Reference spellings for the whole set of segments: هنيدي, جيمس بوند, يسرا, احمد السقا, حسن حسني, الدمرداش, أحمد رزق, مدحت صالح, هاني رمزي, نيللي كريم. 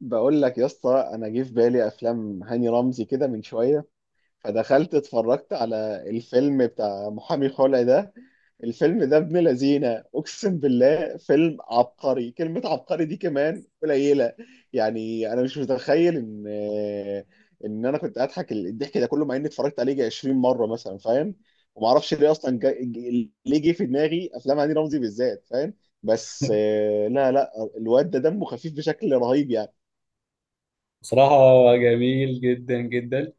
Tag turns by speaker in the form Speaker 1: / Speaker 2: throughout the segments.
Speaker 1: بقول لك يا اسطى، انا جه في بالي افلام هاني رمزي كده من شويه. فدخلت اتفرجت على الفيلم بتاع محامي خلع ده. الفيلم ده ابن لذينه، اقسم بالله فيلم عبقري، كلمه عبقري دي كمان قليله. يعني انا مش متخيل ان انا كنت اضحك الضحك ده كله، مع اني اتفرجت عليه يجي 20 مره مثلا، فاهم؟ وما اعرفش ليه اصلا ليه جه في دماغي افلام هاني رمزي بالذات، فاهم؟ بس لا، لا، الواد ده دمه خفيف بشكل رهيب يعني.
Speaker 2: بصراحة جميل جدا جدا.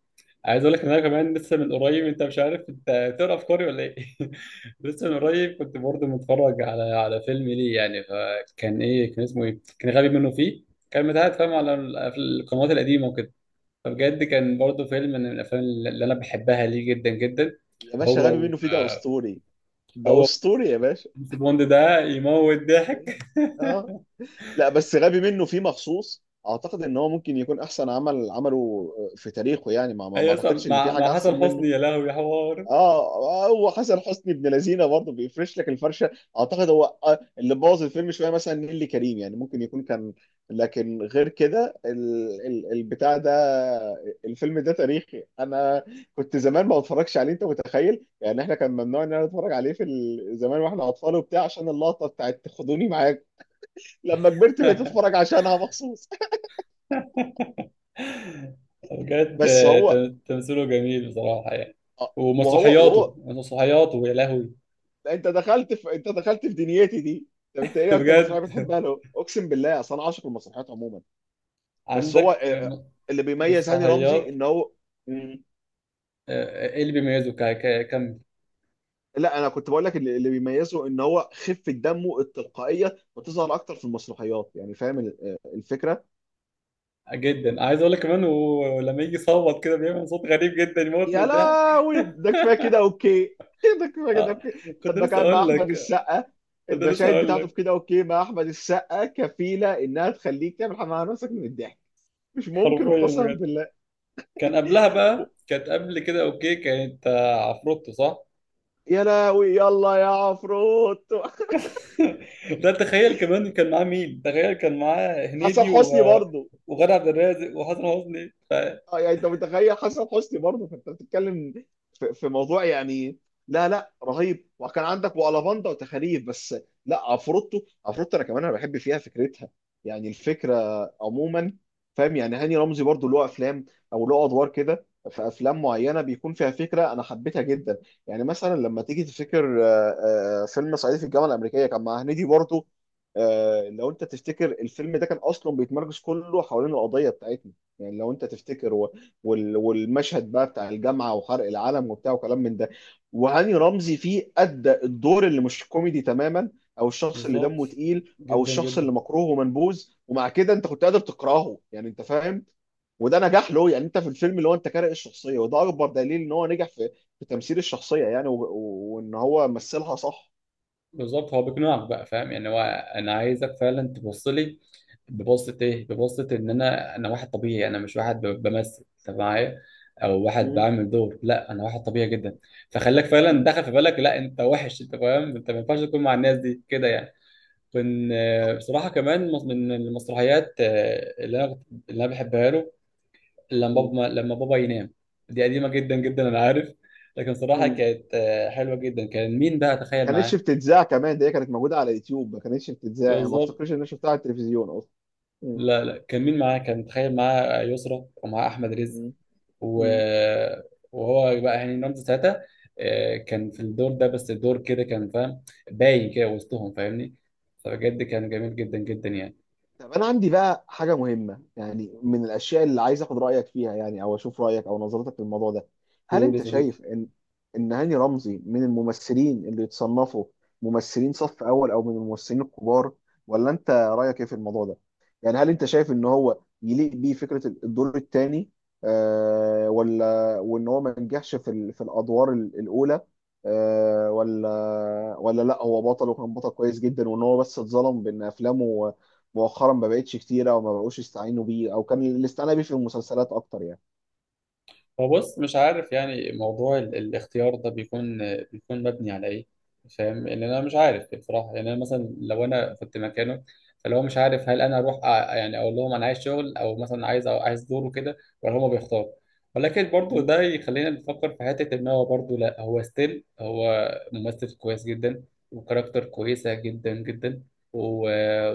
Speaker 2: عايز اقول لك ان انا كمان لسه من قريب، انت مش عارف انت تقرا افكاري ولا ايه؟ لسه من قريب كنت برضه متفرج على فيلم ليه، يعني. فكان ايه، كان اسمه ايه، كان غبي منه فيه. كان متعاد، فاهم، في القنوات القديمة وكده. فبجد كان برضه فيلم من الافلام اللي انا بحبها ليه جدا جدا.
Speaker 1: يا باشا
Speaker 2: هو
Speaker 1: غبي
Speaker 2: و-
Speaker 1: منه فيه ده اسطوري. ده
Speaker 2: هو
Speaker 1: اسطوري يا باشا.
Speaker 2: جيمس بوند ده يموت ضحك.
Speaker 1: اه. لا بس غبي منه فيه مخصوص، اعتقد ان هو ممكن يكون احسن عمل عمله في تاريخه. يعني ما
Speaker 2: اي، اصلا
Speaker 1: اعتقدش ان في
Speaker 2: مع
Speaker 1: حاجه
Speaker 2: حسن
Speaker 1: احسن منه.
Speaker 2: حسني، يا لهوي يا حوار.
Speaker 1: اه، هو حسن حسني ابن لذينه برضه، بيفرش لك الفرشه. اعتقد هو اللي بوظ الفيلم شويه مثلا نيللي كريم، يعني ممكن يكون كان. لكن غير كده البتاع ده، الفيلم ده تاريخي. انا كنت زمان ما بتفرجش عليه، انت متخيل؟ يعني احنا كان ممنوع ان انا اتفرج عليه زمان واحنا اطفال وبتاع، عشان اللقطه بتاعت خدوني معاك. لما كبرت بقيت اتفرج عشانها مخصوص.
Speaker 2: بجد،
Speaker 1: بس هو
Speaker 2: تمثيله جميل بصراحة يعني.
Speaker 1: آه، وهو
Speaker 2: ومسرحياته
Speaker 1: وهو
Speaker 2: مسرحياته، يا لهوي.
Speaker 1: لا انت دخلت في دنيتي دي. طب انت ايه اكتر مسرحيه
Speaker 2: بجد.
Speaker 1: بتحبها له؟ اقسم بالله اصل انا عاشق المسرحيات عموما. بس هو
Speaker 2: عندك
Speaker 1: اللي بيميز هاني رمزي
Speaker 2: مسرحيات،
Speaker 1: ان هو... مم،
Speaker 2: ايه اللي بيميزه ك- ك- كم
Speaker 1: لا انا كنت بقول لك اللي بيميزه ان هو خفه دمه التلقائيه بتظهر اكتر في المسرحيات، يعني فاهم الفكره.
Speaker 2: جدا؟ عايز اقول لك كمان هو لما يجي يصوت كده بيعمل صوت غريب جدا، يموت من
Speaker 1: يا
Speaker 2: الضحك.
Speaker 1: لهوي، ده كفايه كده اوكي ده كفايه كده
Speaker 2: آه،
Speaker 1: اوكي.
Speaker 2: كنت
Speaker 1: لما
Speaker 2: لسه
Speaker 1: كان مع
Speaker 2: اقول
Speaker 1: احمد
Speaker 2: لك
Speaker 1: السقا،
Speaker 2: كنت لسه
Speaker 1: المشاهد
Speaker 2: اقول
Speaker 1: بتاعته في
Speaker 2: لك
Speaker 1: كده اوكي مع احمد السقا كفيله انها تخليك تعمل حمام على نفسك من الضحك. مش ممكن
Speaker 2: حرفيا
Speaker 1: وقسما
Speaker 2: بجد.
Speaker 1: بالله.
Speaker 2: كان قبلها بقى، كانت قبل كده اوكي، كانت عفروتو، صح؟
Speaker 1: يا لهوي يلا يا عفروت
Speaker 2: ده تخيل، كمان كان معاه مين؟ تخيل كان معاه
Speaker 1: حسن
Speaker 2: هنيدي
Speaker 1: حسني برضه.
Speaker 2: وغادة عبد الرازق وحسن حسني
Speaker 1: اه، يعني انت متخيل، حسن حسني برضه، فانت بتتكلم في موضوع يعني. لا، لا، رهيب. وكان عندك وألافاندا وتخاريف بس. لا، عفروتو. عفروتو انا كمان انا بحب فيها فكرتها، يعني الفكره عموما. فاهم؟ يعني هاني رمزي برضه له افلام، او له ادوار كده في افلام معينه بيكون فيها فكره انا حبيتها جدا. يعني مثلا لما تيجي تفتكر فيلم صعيدي في الجامعه الامريكيه كان مع هنيدي برضه. لو انت تفتكر الفيلم ده كان اصلا بيتمركز كله حوالين القضيه بتاعتنا. يعني لو انت تفتكر والمشهد بقى بتاع الجامعه، وحرق العلم وبتاع، وكلام من ده. وهاني رمزي فيه ادى الدور اللي مش كوميدي تماما، او الشخص اللي
Speaker 2: بالظبط
Speaker 1: دمه تقيل، او
Speaker 2: جدا
Speaker 1: الشخص
Speaker 2: جدا.
Speaker 1: اللي مكروه ومنبوذ، ومع كده انت كنت قادر تكرهه، يعني انت فاهم. وده نجاح له يعني. انت في الفيلم اللي هو انت كاره الشخصيه، وده اكبر دليل ان هو نجح في تمثيل الشخصيه، يعني وان هو مثلها صح.
Speaker 2: بالظبط، هو بيقنعك بقى، فاهم يعني. هو انا عايزك فعلا تبص لي ببصة ايه، ببصة ان انا واحد طبيعي، انا مش واحد بمثل انت معايا، او واحد
Speaker 1: مم.
Speaker 2: بعمل دور. لا، انا واحد طبيعي جدا. فخليك فعلا،
Speaker 1: مم.
Speaker 2: دخل في بالك لا انت وحش، انت فاهم، انت ما ينفعش تكون مع الناس دي كده يعني. كان
Speaker 1: طب.
Speaker 2: بصراحة كمان من المسرحيات اللي اللي أنا بحبها له، لما
Speaker 1: مم.
Speaker 2: بابا لما بابا ينام. دي قديمة جدا جدا، أنا عارف. لكن صراحة
Speaker 1: مم.
Speaker 2: كانت حلوة جدا. كان مين بقى
Speaker 1: ما
Speaker 2: تخيل
Speaker 1: كانتش
Speaker 2: معاه؟
Speaker 1: بتتذاع كمان ده، هي كانت موجوده على يوتيوب. ما كانتش بتتذاع يعني، ما
Speaker 2: بالظبط.
Speaker 1: افتكرش ان انا شفتها على التلفزيون اصلا. م-
Speaker 2: لا لا، كان مين معاه؟ كان تخيل معاه يسرا ومعاه أحمد رزق
Speaker 1: م-
Speaker 2: و...
Speaker 1: م.
Speaker 2: وهو بقى هاني رمزي ساعتها. كان في الدور ده، بس الدور كده كان، فاهم، باين كده وسطهم، فاهمني؟ فبجد كان جميل جدا جدا يعني.
Speaker 1: طب انا عندي بقى حاجه مهمه، يعني من الاشياء اللي عايز اخد رايك فيها، يعني او اشوف رايك او نظرتك للموضوع ده. هل
Speaker 2: قول يا
Speaker 1: انت شايف
Speaker 2: صديقي.
Speaker 1: ان هاني رمزي من الممثلين اللي يتصنفوا ممثلين صف اول، او من الممثلين الكبار؟ ولا انت رايك ايه في الموضوع ده؟ يعني هل انت شايف ان هو يليق بيه فكره الدور الثاني؟ آه، ولا وان هو ما نجحش في في الادوار الاولى؟ آه، ولا، ولا، لا، هو بطل، وكان بطل كويس جدا، وان هو بس اتظلم بان افلامه مؤخرا ما بقتش كتيره، او ما بقوش يستعينوا بيه، او كان الاستعانه بيه في المسلسلات اكتر يعني.
Speaker 2: هو، بص، مش عارف يعني موضوع الاختيار ده بيكون مبني على ايه. فاهم ان انا مش عارف بصراحه يعني. انا مثلا لو انا كنت مكانه، فلو مش عارف هل انا يعني اقول لهم انا عايز شغل، او مثلا عايز عايز دوره كده، ولا هما بيختاروا؟ ولكن برضو
Speaker 1: م-
Speaker 2: ده يخلينا نفكر في حته ان هو برضو، لا، هو ستيل هو ممثل كويس جدا، وكاركتر كويسه جدا جدا. و...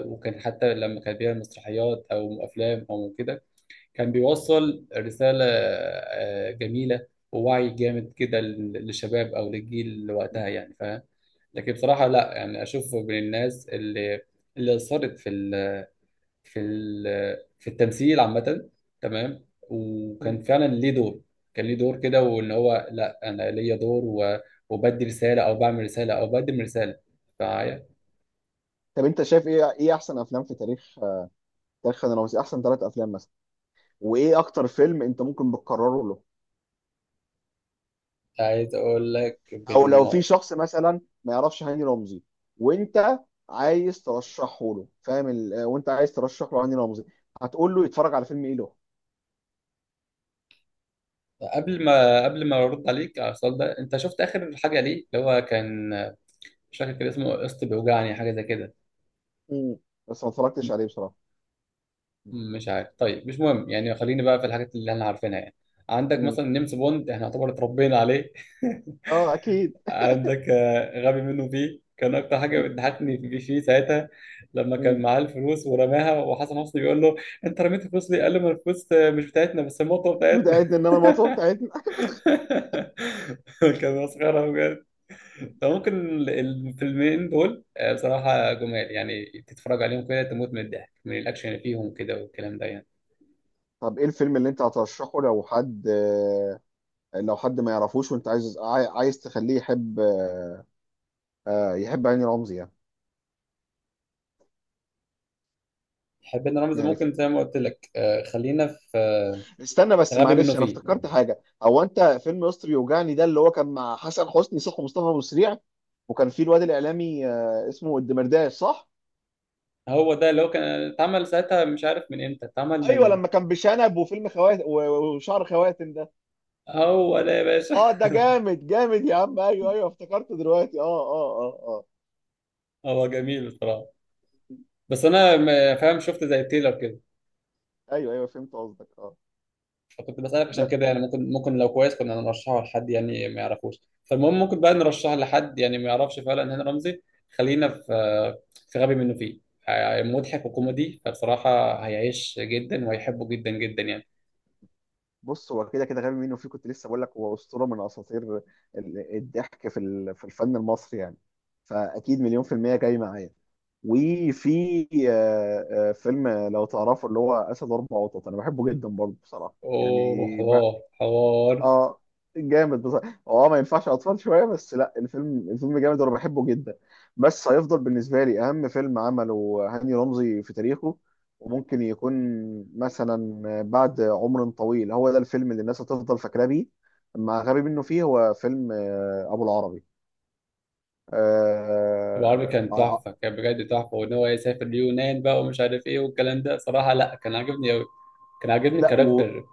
Speaker 2: وكان حتى لما كان بيعمل مسرحيات او افلام او كده، كان بيوصل رسالة جميلة ووعي جامد كده للشباب أو للجيل اللي وقتها، يعني فاهم. لكن بصراحة لا، يعني أشوف من الناس اللي أثرت في ال في التمثيل عامة. تمام.
Speaker 1: م-
Speaker 2: وكان فعلا ليه دور، كان ليه دور كده، وإن هو، لا أنا ليا دور وبدي رسالة، أو بعمل رسالة، أو بقدم رسالة معايا.
Speaker 1: طب انت شايف ايه، احسن افلام في تاريخ، انا روزي، احسن ثلاث افلام مثلا؟ وايه اكتر فيلم انت ممكن بتكرره له؟
Speaker 2: عايز أقول لك
Speaker 1: او لو في شخص مثلا ما يعرفش هاني رمزي، وانت عايز ترشحه له، فاهم وانت عايز ترشح له هاني رمزي، هتقول له يتفرج على فيلم ايه له؟
Speaker 2: قبل ما قبل ما ارد عليك على السؤال ده، انت شفت اخر حاجه ليه، اللي هو كان، مش فاكر كان اسمه قسط بيوجعني حاجه زي كده؟
Speaker 1: م- بس ما اتفرجتش
Speaker 2: م-
Speaker 1: عليه بصراحه.
Speaker 2: مش عارف. طيب مش مهم يعني. خليني بقى في الحاجات اللي احنا عارفينها يعني. عندك
Speaker 1: م.
Speaker 2: مثلا نيمس بوند، احنا يعتبر اتربينا عليه.
Speaker 1: اه، اكيد.
Speaker 2: عندك غبي منه فيه. كان اكتر حاجه
Speaker 1: م-
Speaker 2: بتضحكني فيه ساعتها، لما
Speaker 1: م.
Speaker 2: كان معاه الفلوس ورماها وحسن حسني بيقول له: انت رميت الفلوس ليه؟ قال له: ما الفلوس مش بتاعتنا، بس المطوه
Speaker 1: مش
Speaker 2: بتاعتنا.
Speaker 1: بتاعتنا انما الموضوع بتاعتنا.
Speaker 2: كان مسخره. فممكن الفيلمين دول بصراحة جمال، يعني تتفرج عليهم كده تموت من الضحك، من الأكشن اللي فيهم كده والكلام ده يعني.
Speaker 1: طب ايه الفيلم اللي انت هترشحه لو حد لو حد ما يعرفوش وانت عايز عايز تخليه يحب يحب هاني رمزي يعني؟
Speaker 2: حبينا رمز
Speaker 1: يعني
Speaker 2: ممكن زي ما قلت لك، خلينا في
Speaker 1: استنى بس
Speaker 2: غبي منه
Speaker 1: معلش، انا
Speaker 2: فيه.
Speaker 1: افتكرت حاجه. هو انت فيلم يسطا يوجعني ده، اللي هو كان مع حسن حسني صح؟ ومصطفى ابو سريع، وكان في الواد الاعلامي اسمه الدمرداش صح؟
Speaker 2: هو ده اللي هو كان اتعمل ساعتها، مش عارف من امتى اتعمل
Speaker 1: ايوه،
Speaker 2: من.
Speaker 1: لما كان بشنب، وفيلم خواتم وشعر خواتم ده.
Speaker 2: هو ده يا باشا.
Speaker 1: اه ده جامد جامد يا عم، ايوه ايوه افتكرته دلوقتي، اه اه اه اه.
Speaker 2: هو جميل بصراحة. بس أنا فاهم، شفت زي التيلر كده،
Speaker 1: ايوه، ايوه، فهمت قصدك، اه.
Speaker 2: فكنت بسألك عشان كده يعني. ممكن لو كويس كنا نرشحه لحد يعني ما يعرفوش. فالمهم ممكن بقى نرشحه لحد يعني ما يعرفش فعلا هاني رمزي. خلينا في في غبي منه فيه. مضحك وكوميدي، فبصراحة
Speaker 1: ب...
Speaker 2: هيعيش جدا وهيحبه جدا جدا يعني.
Speaker 1: بص، هو كده كده غبي منه فيه، كنت لسه بقول لك هو اسطوره من اساطير الضحك في في الفن المصري يعني. فاكيد مليون في الميه جاي معايا. وفي فيلم لو تعرفه اللي هو اسد اربع قطط، انا بحبه جدا برضه بصراحه يعني.
Speaker 2: اوه، حوار حوار.
Speaker 1: اه، جامد بصراحه. هو اه ما ينفعش اطفال شويه بس، لا الفيلم، جامد وانا بحبه جدا. بس هيفضل بالنسبه لي اهم فيلم عمله هاني رمزي في تاريخه. وممكن يكون مثلا بعد عمر طويل هو ده الفيلم اللي الناس هتفضل فاكراه بيه، مع غبي منه فيه. هو فيلم ابو العربي.
Speaker 2: ابو عربي
Speaker 1: آه،
Speaker 2: كان
Speaker 1: آه، آه،
Speaker 2: تحفة، كان بجد تحفة، وان هو يسافر اليونان بقى ومش عارف ايه والكلام ده، صراحة لا، كان عاجبني اوي. كان عاجبني
Speaker 1: لا
Speaker 2: الكاركتر.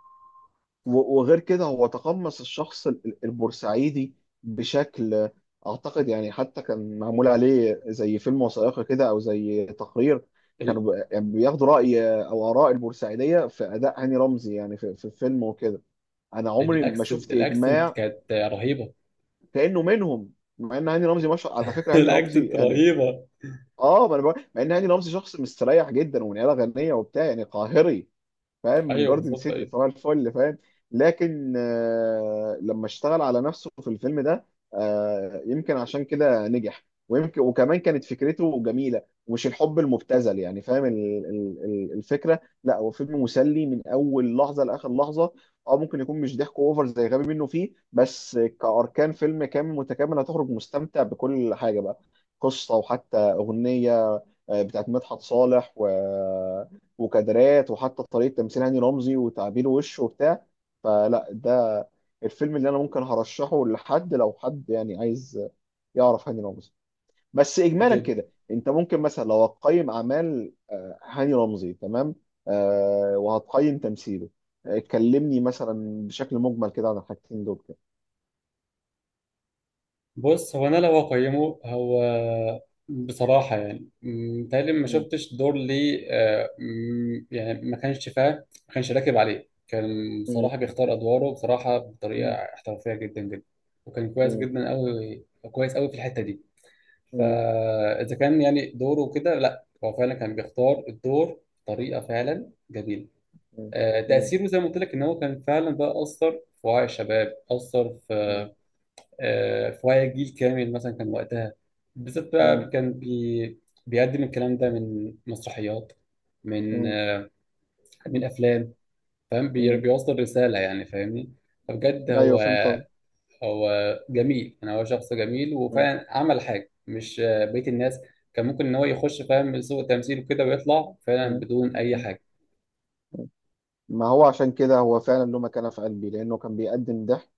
Speaker 1: وغير كده هو تقمص الشخص البورسعيدي بشكل، اعتقد يعني حتى كان معمول عليه زي فيلم وثائقي كده او زي تقرير.
Speaker 2: ال-
Speaker 1: كانوا يعني بياخدوا راي او اراء البورسعيديه في اداء هاني رمزي، يعني في الفيلم وكده. انا عمري ما
Speaker 2: الاكسنت
Speaker 1: شفت
Speaker 2: الاكسنت
Speaker 1: اجماع
Speaker 2: كانت رهيبة.
Speaker 1: كانه منهم، مع ان هاني رمزي مش على فكره هاني رمزي
Speaker 2: الاكسنت
Speaker 1: يعني.
Speaker 2: رهيبة.
Speaker 1: اه ما انا مع ان هاني رمزي شخص مستريح جدا، ومن عيله غنيه وبتاع يعني قاهري، فاهم؟ من
Speaker 2: ايوه
Speaker 1: جاردن
Speaker 2: بالظبط
Speaker 1: سيتي،
Speaker 2: ايوه.
Speaker 1: صباح الفل، فاهم؟ لكن لما اشتغل على نفسه في الفيلم ده، يمكن عشان كده نجح. ويمكن وكمان كانت فكرته جميلة، ومش الحب المبتذل، يعني فاهم الفكرة. لا هو فيلم مسلي من أول لحظة لآخر لحظة. أو ممكن يكون مش ضحك أوفر زي غبي منه فيه، بس كأركان فيلم كامل متكامل هتخرج مستمتع بكل حاجة بقى، قصة وحتى أغنية بتاعت مدحت صالح، و وكادرات، وحتى طريقه تمثيل هاني رمزي وتعابير وشه وبتاع. فلا ده الفيلم اللي انا ممكن هرشحه لحد لو حد يعني عايز يعرف هاني رمزي. بس اجمالا
Speaker 2: جدا.
Speaker 1: كده، انت ممكن مثلا لو هتقيم اعمال هاني رمزي تمام، وهتقيم تمثيله، كلمني مثلا بشكل مجمل كده عن الحاجتين دول كده.
Speaker 2: بص، هو انا لو اقيمه، هو بصراحه يعني، متهيألي ما
Speaker 1: مم،
Speaker 2: شفتش دور ليه آه، م، يعني ما كانش راكب عليه. كان
Speaker 1: مم،
Speaker 2: بصراحه بيختار ادواره، بصراحه بطريقه
Speaker 1: مم،
Speaker 2: احترافيه جدا جدا. وكان كويس
Speaker 1: مم،
Speaker 2: جدا قوي، كويس قوي في الحته دي.
Speaker 1: مم،
Speaker 2: فاذا كان يعني دوره كده، لا هو فعلا كان بيختار الدور بطريقه فعلا جميله.
Speaker 1: مم،
Speaker 2: تاثيره زي ما قلت لك ان هو كان فعلا بقى اثر في وعي الشباب، اثر
Speaker 1: مم،
Speaker 2: في فهي جيل كامل مثلا كان وقتها بالذات
Speaker 1: مم،
Speaker 2: بقى، كان بيقدم الكلام ده من مسرحيات، من
Speaker 1: مم،
Speaker 2: من افلام، فاهم
Speaker 1: مم.
Speaker 2: بيوصل رساله يعني، فاهمني؟ فبجد
Speaker 1: ايوه
Speaker 2: هو
Speaker 1: فهمت.
Speaker 2: هو جميل يعني. هو شخص جميل
Speaker 1: مم،
Speaker 2: وفعلا عمل حاجه مش بقيه الناس كان ممكن ان هو يخش، فاهم، سوق التمثيل وكده ويطلع فعلا
Speaker 1: مم،
Speaker 2: بدون اي حاجه.
Speaker 1: مم. ما هو عشان كده هو فعلا له مكانة في قلبي، لأنه كان بيقدم ضحك،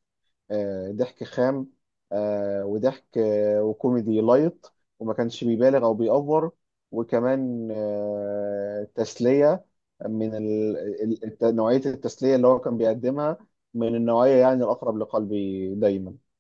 Speaker 1: ضحك خام، وضحك وكوميدي لايت، وما كانش بيبالغ أو بيأفور، وكمان تسلية، من نوعية التسلية اللي هو كان بيقدمها، من النوعية يعني الأقرب لقلبي دايما.